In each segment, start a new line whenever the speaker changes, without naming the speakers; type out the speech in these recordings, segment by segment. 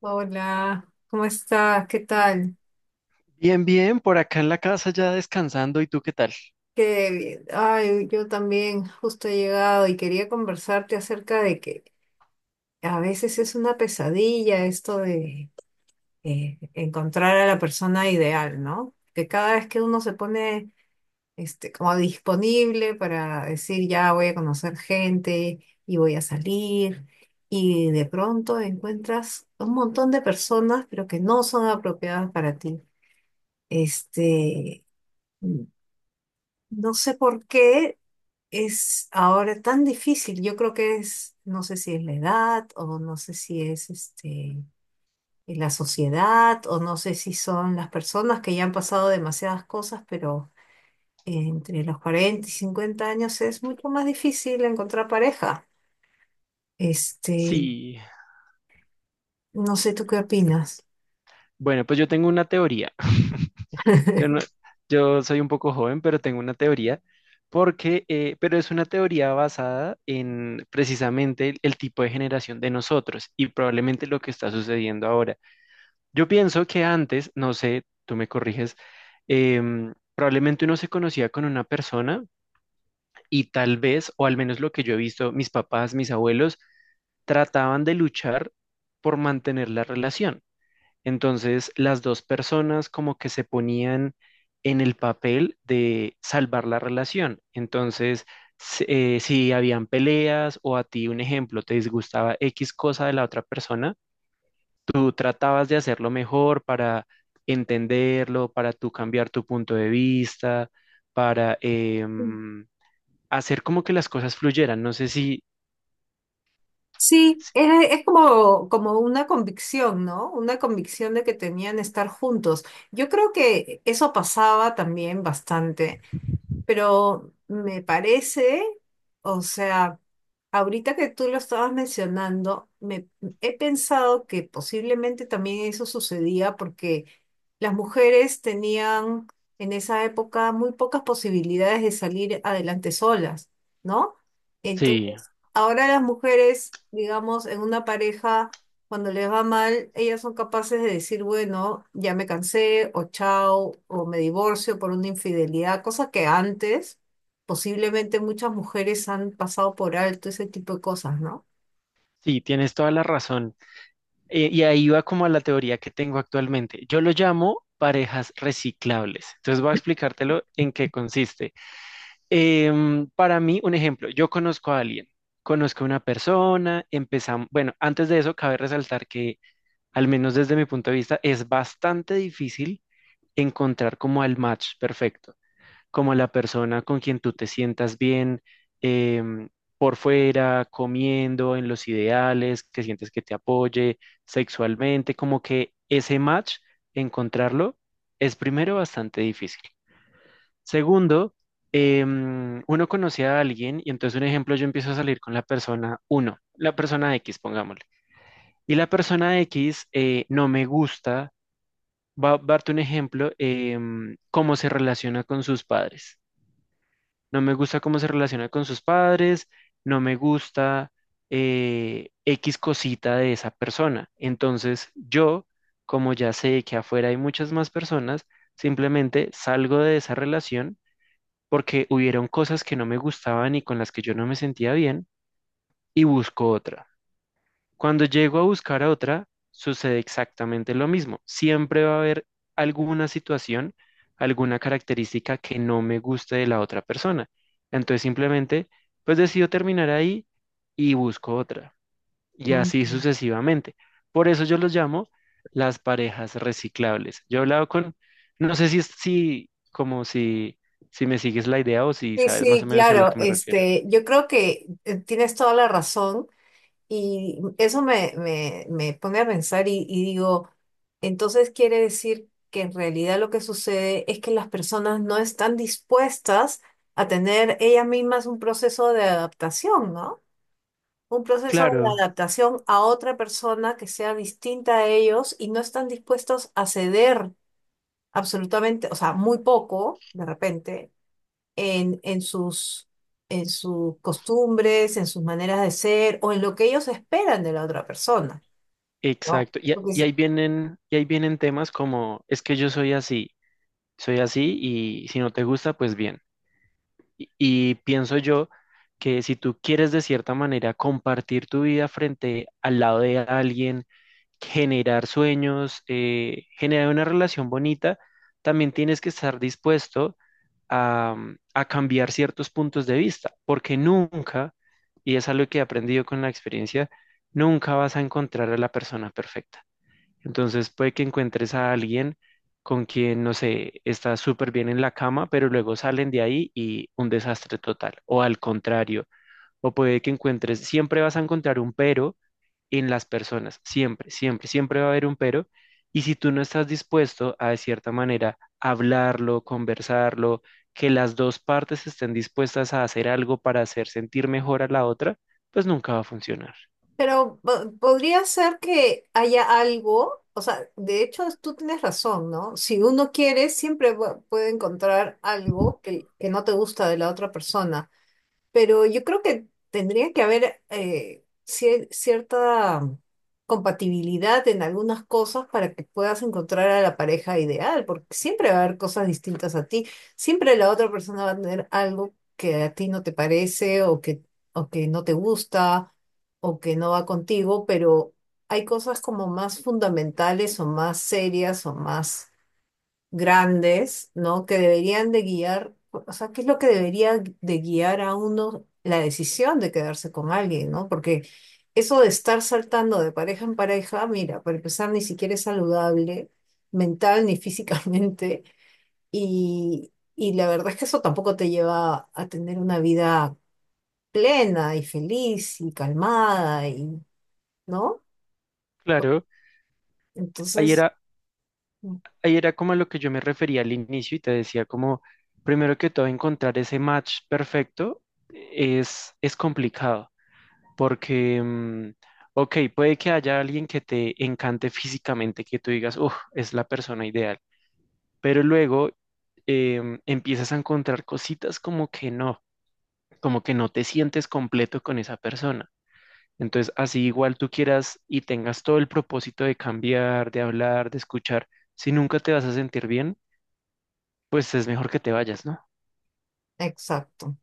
Hola, ¿cómo estás? ¿Qué tal?
Bien, bien, por acá en la casa ya descansando. ¿Y tú qué tal?
Qué bien. Ay, yo también justo he llegado y quería conversarte acerca de que a veces es una pesadilla esto de encontrar a la persona ideal, ¿no? Que cada vez que uno se pone como disponible para decir ya voy a conocer gente y voy a salir y de pronto encuentras un montón de personas pero que no son apropiadas para ti. Este. No sé por qué es ahora tan difícil. Yo creo que es, no sé si es la edad o no sé si es la sociedad o no sé si son las personas que ya han pasado demasiadas cosas, pero entre los 40 y 50 años es mucho más difícil encontrar pareja. Este,
Sí,
no sé tú qué opinas.
bueno, pues yo tengo una teoría. Yo no, yo soy un poco joven, pero tengo una teoría porque, pero es una teoría basada en precisamente el tipo de generación de nosotros y probablemente lo que está sucediendo ahora. Yo pienso que antes, no sé, tú me corriges, probablemente uno se conocía con una persona y tal vez, o al menos lo que yo he visto, mis papás, mis abuelos trataban de luchar por mantener la relación. Entonces, las dos personas como que se ponían en el papel de salvar la relación. Entonces, si habían peleas o a ti, un ejemplo, te disgustaba X cosa de la otra persona, tú tratabas de hacerlo mejor para entenderlo, para tú cambiar tu punto de vista, para hacer como que las cosas fluyeran. No sé
Sí,
si-
es como, como una convicción, ¿no? Una convicción de que tenían estar juntos. Yo creo que eso pasaba también bastante, pero me parece, o sea, ahorita que tú lo estabas mencionando, me he pensado que posiblemente también eso sucedía porque las mujeres tenían en esa época muy pocas posibilidades de salir adelante solas, ¿no?
sí,
Entonces, ahora las mujeres, digamos, en una pareja, cuando les va mal, ellas son capaces de decir, bueno, ya me cansé, o chao, o me divorcio por una infidelidad, cosa que antes posiblemente muchas mujeres han pasado por alto ese tipo de cosas, ¿no?
sí, tienes toda la razón. Y ahí va como a la teoría que tengo actualmente. Yo lo llamo parejas reciclables. Entonces voy a explicártelo en qué consiste. Para mí, un ejemplo, yo conozco a alguien, conozco a una persona, empezamos, bueno, antes de eso, cabe resaltar que, al menos desde mi punto de vista, es bastante difícil encontrar como el match perfecto, como la persona con quien tú te sientas bien, em, por fuera, comiendo, en los ideales, que sientes que te apoye sexualmente, como que ese match, encontrarlo, es primero bastante difícil. Segundo, uno conoce a alguien y entonces un ejemplo, yo empiezo a salir con la persona uno, la persona X, pongámosle. Y la persona X, no me gusta. Va a darte un ejemplo, cómo se relaciona con sus padres, no me gusta cómo se relaciona con sus padres, no me gusta X cosita de esa persona. Entonces yo, como ya sé que afuera hay muchas más personas, simplemente salgo de esa relación porque hubieron cosas que no me gustaban y con las que yo no me sentía bien y busco otra. Cuando llego a buscar a otra, sucede exactamente lo mismo. Siempre va a haber alguna situación, alguna característica que no me guste de la otra persona. Entonces simplemente, pues decido terminar ahí y busco otra. Y así
Ujú.
sucesivamente. Por eso yo los llamo las parejas reciclables. Yo he hablado con, no sé si, es- si como si, si me sigues la idea o si
Sí,
sabes más
sí,
o menos a lo
claro,
que me refiero.
yo creo que tienes toda la razón. Y eso me, me pone a pensar y digo, entonces quiere decir que en realidad lo que sucede es que las personas no están dispuestas a tener ellas mismas un proceso de adaptación, ¿no? Un proceso de
Claro.
adaptación a otra persona que sea distinta a ellos y no están dispuestos a ceder absolutamente, o sea, muy poco de repente en, en sus, en sus costumbres, en sus maneras de ser o en lo que ellos esperan de la otra persona, ¿no?
Exacto.
Porque
Y ahí vienen, y ahí vienen temas como, es que yo soy así y si no te gusta, pues bien. Y pienso yo que si tú quieres de cierta manera compartir tu vida frente al lado de alguien, generar sueños, generar una relación bonita, también tienes que estar dispuesto a, a cambiar ciertos puntos de vista, porque nunca, y es algo que he aprendido con la experiencia, nunca vas a encontrar a la persona perfecta. Entonces puede que encuentres a alguien con quien, no sé, está súper bien en la cama, pero luego salen de ahí y un desastre total, o al contrario, o puede que encuentres, siempre vas a encontrar un pero en las personas, siempre, siempre, siempre va a haber un pero, y si tú no estás dispuesto a, de cierta manera, hablarlo, conversarlo, que las dos partes estén dispuestas a hacer algo para hacer sentir mejor a la otra, pues nunca va a funcionar.
pero podría ser que haya algo, o sea, de hecho tú tienes razón, ¿no? Si uno quiere, siempre puede encontrar algo que no te gusta de la otra persona. Pero yo creo que tendría que haber cierta compatibilidad en algunas cosas para que puedas encontrar a la pareja ideal, porque siempre va a haber cosas distintas a ti, siempre la otra persona va a tener algo que a ti no te parece o que no te gusta o que no va contigo, pero hay cosas como más fundamentales o más serias o más grandes, ¿no? Que deberían de guiar, o sea, ¿qué es lo que debería de guiar a uno la decisión de quedarse con alguien? ¿No? Porque eso de estar saltando de pareja en pareja, mira, para empezar, ni siquiera es saludable mental ni físicamente, y la verdad es que eso tampoco te lleva a tener una vida plena y feliz y calmada, ¿no?
Claro, ahí
Entonces,
era
mm,
ahí era como a lo que yo me refería al inicio y te decía como, primero que todo, encontrar ese match perfecto es complicado, porque, mm, ok, puede que haya alguien que te encante físicamente, que tú digas, uff, es la persona ideal, pero luego empiezas a encontrar cositas como que no te sientes completo con esa persona. Entonces, así igual tú quieras y tengas todo el propósito de cambiar, de hablar, de escuchar, si nunca te vas a sentir bien, pues es mejor que te vayas, ¿no?
exacto,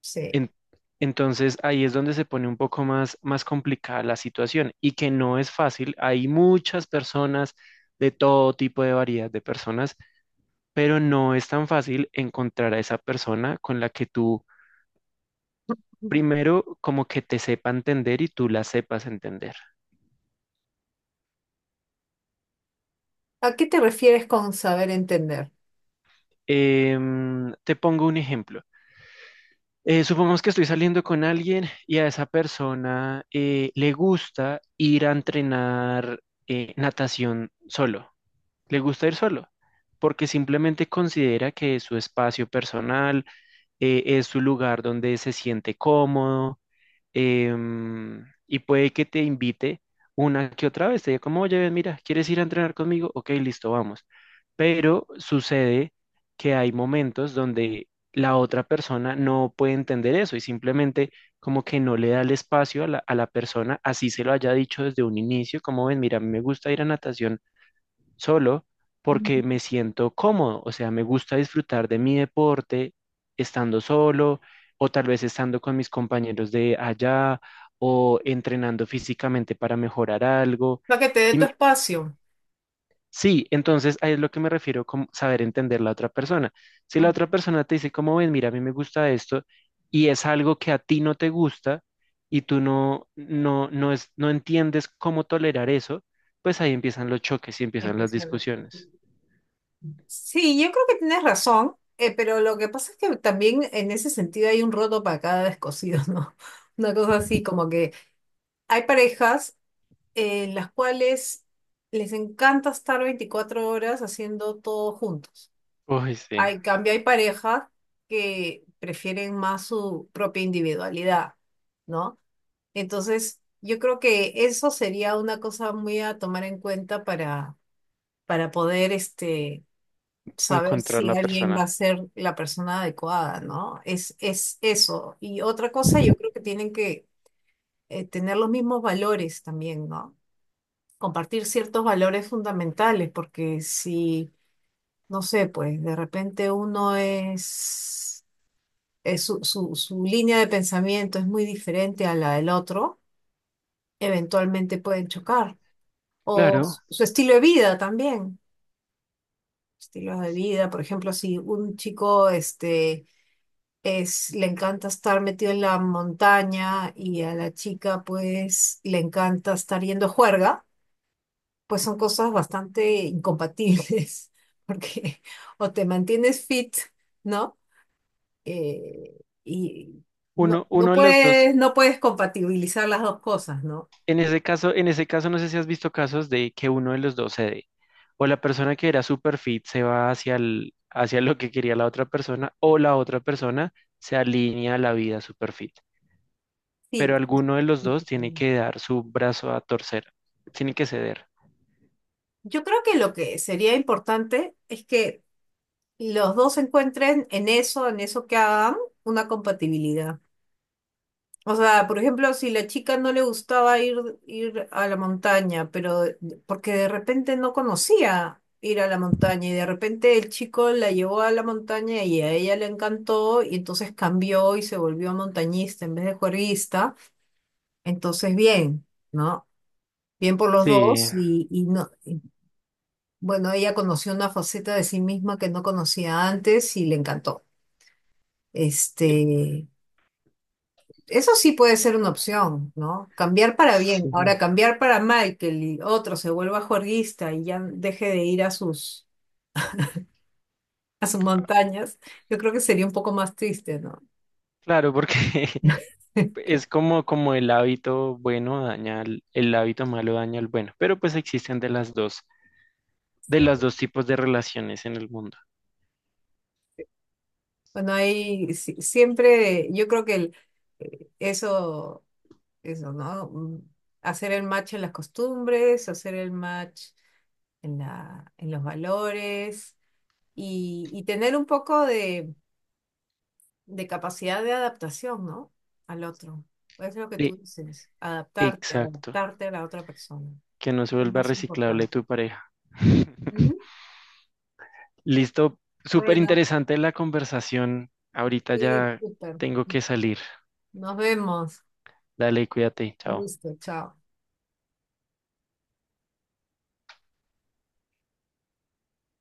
sí.
En- entonces ahí es donde se pone un poco más, más complicada la situación y que no es fácil. Hay muchas personas de todo tipo de variedad de personas, pero no es tan fácil encontrar a esa persona con la que tú primero como que te sepa entender y tú la sepas entender.
¿A qué te refieres con saber entender?
Te pongo un ejemplo. Supongamos que estoy saliendo con alguien y a esa persona le gusta ir a entrenar, natación solo. Le gusta ir solo porque simplemente considera que es su espacio personal, es su lugar donde se siente cómodo, y puede que te invite una que otra vez. Te diga como, oye, ven, mira, ¿quieres ir a entrenar conmigo? Ok, listo, vamos. Pero sucede que hay momentos donde la otra persona no puede entender eso y simplemente como que no le da el espacio a la persona, así se lo haya dicho desde un inicio, como ven, mira, a mí me gusta ir a natación solo porque me siento cómodo, o sea, me gusta disfrutar de mi deporte estando solo o tal vez estando con mis compañeros de allá o entrenando físicamente para mejorar algo.
Para que te dé
Y
tu
me-
espacio.
sí, entonces ahí es lo que me refiero con saber entender la otra persona. Si la
Mm.
otra persona te dice, como ven, mira, a mí me gusta esto y es algo que a ti no te gusta y tú no entiendes cómo tolerar eso, pues ahí empiezan los choques y empiezan las
Empiezo a hablar.
discusiones.
Sí, yo creo que tienes razón, pero lo que pasa es que también en ese sentido hay un roto para cada descosido, ¿no? Una cosa así, como que hay parejas en las cuales les encanta estar 24 horas haciendo todo juntos.
Uy, sí,
Hay, en cambio, hay parejas que prefieren más su propia individualidad, ¿no? Entonces, yo creo que eso sería una cosa muy a tomar en cuenta para poder saber
encontrar
si
la
alguien
persona.
va a ser la persona adecuada, ¿no? Es eso. Y otra cosa, yo creo que tienen que tener los mismos valores también, ¿no? Compartir ciertos valores fundamentales, porque si, no sé, pues de repente uno es su línea de pensamiento es muy diferente a la del otro, eventualmente pueden chocar. O
Claro,
su estilo de vida también. Estilos de vida, por ejemplo, si un chico, le encanta estar metido en la montaña y a la chica pues le encanta estar yendo a juerga, pues son cosas bastante incompatibles, porque o te mantienes fit, ¿no? Eh, y
uno,
no, no
uno de los dos.
puedes, no puedes compatibilizar las dos cosas, ¿no?
En ese caso, no sé si has visto casos de que uno de los dos cede. O la persona que era super fit se va hacia lo que quería la otra persona, o la otra persona se alinea a la vida super fit. Pero
Sí. Sí,
alguno de los
sí,
dos
sí.
tiene
Sí.
que dar su brazo a torcer, tiene que ceder.
Yo creo que lo que sería importante es que los dos encuentren en eso que hagan, una compatibilidad. O sea, por ejemplo, si la chica no le gustaba ir, ir a la montaña, pero porque de repente no conocía ir a la montaña y de repente el chico la llevó a la montaña y a ella le encantó y entonces cambió y se volvió montañista en vez de juerguista, entonces bien, ¿no? Bien por los
Sí,
dos y no, y, bueno, ella conoció una faceta de sí misma que no conocía antes y le encantó. Este,
eh,
Eso sí puede ser una opción, ¿no? Cambiar para bien.
sí.
Ahora, cambiar para mal, que el otro se vuelva juerguista y ya deje de ir a sus montañas, yo creo que sería un poco más triste, ¿no?
Claro, porque Es como, como el hábito malo daña al bueno, pero pues existen de las dos, de los
Sí.
dos tipos de relaciones en el mundo.
Bueno, ahí siempre, yo creo que el, eso, eso, ¿no? Hacer el match en las costumbres, hacer el match en la, en los valores y tener un poco de capacidad de adaptación, ¿no? Al otro. Es lo que tú
E-
dices, adaptarte,
exacto,
adaptarte a la otra persona.
que no se
Es lo
vuelva
más
reciclable
importante.
tu pareja.
¿Mm?
Listo, súper
Bueno,
interesante la conversación. Ahorita
sí,
ya
súper.
tengo que salir.
Nos vemos.
Dale, cuídate,
Un
chao.
gusto, chao.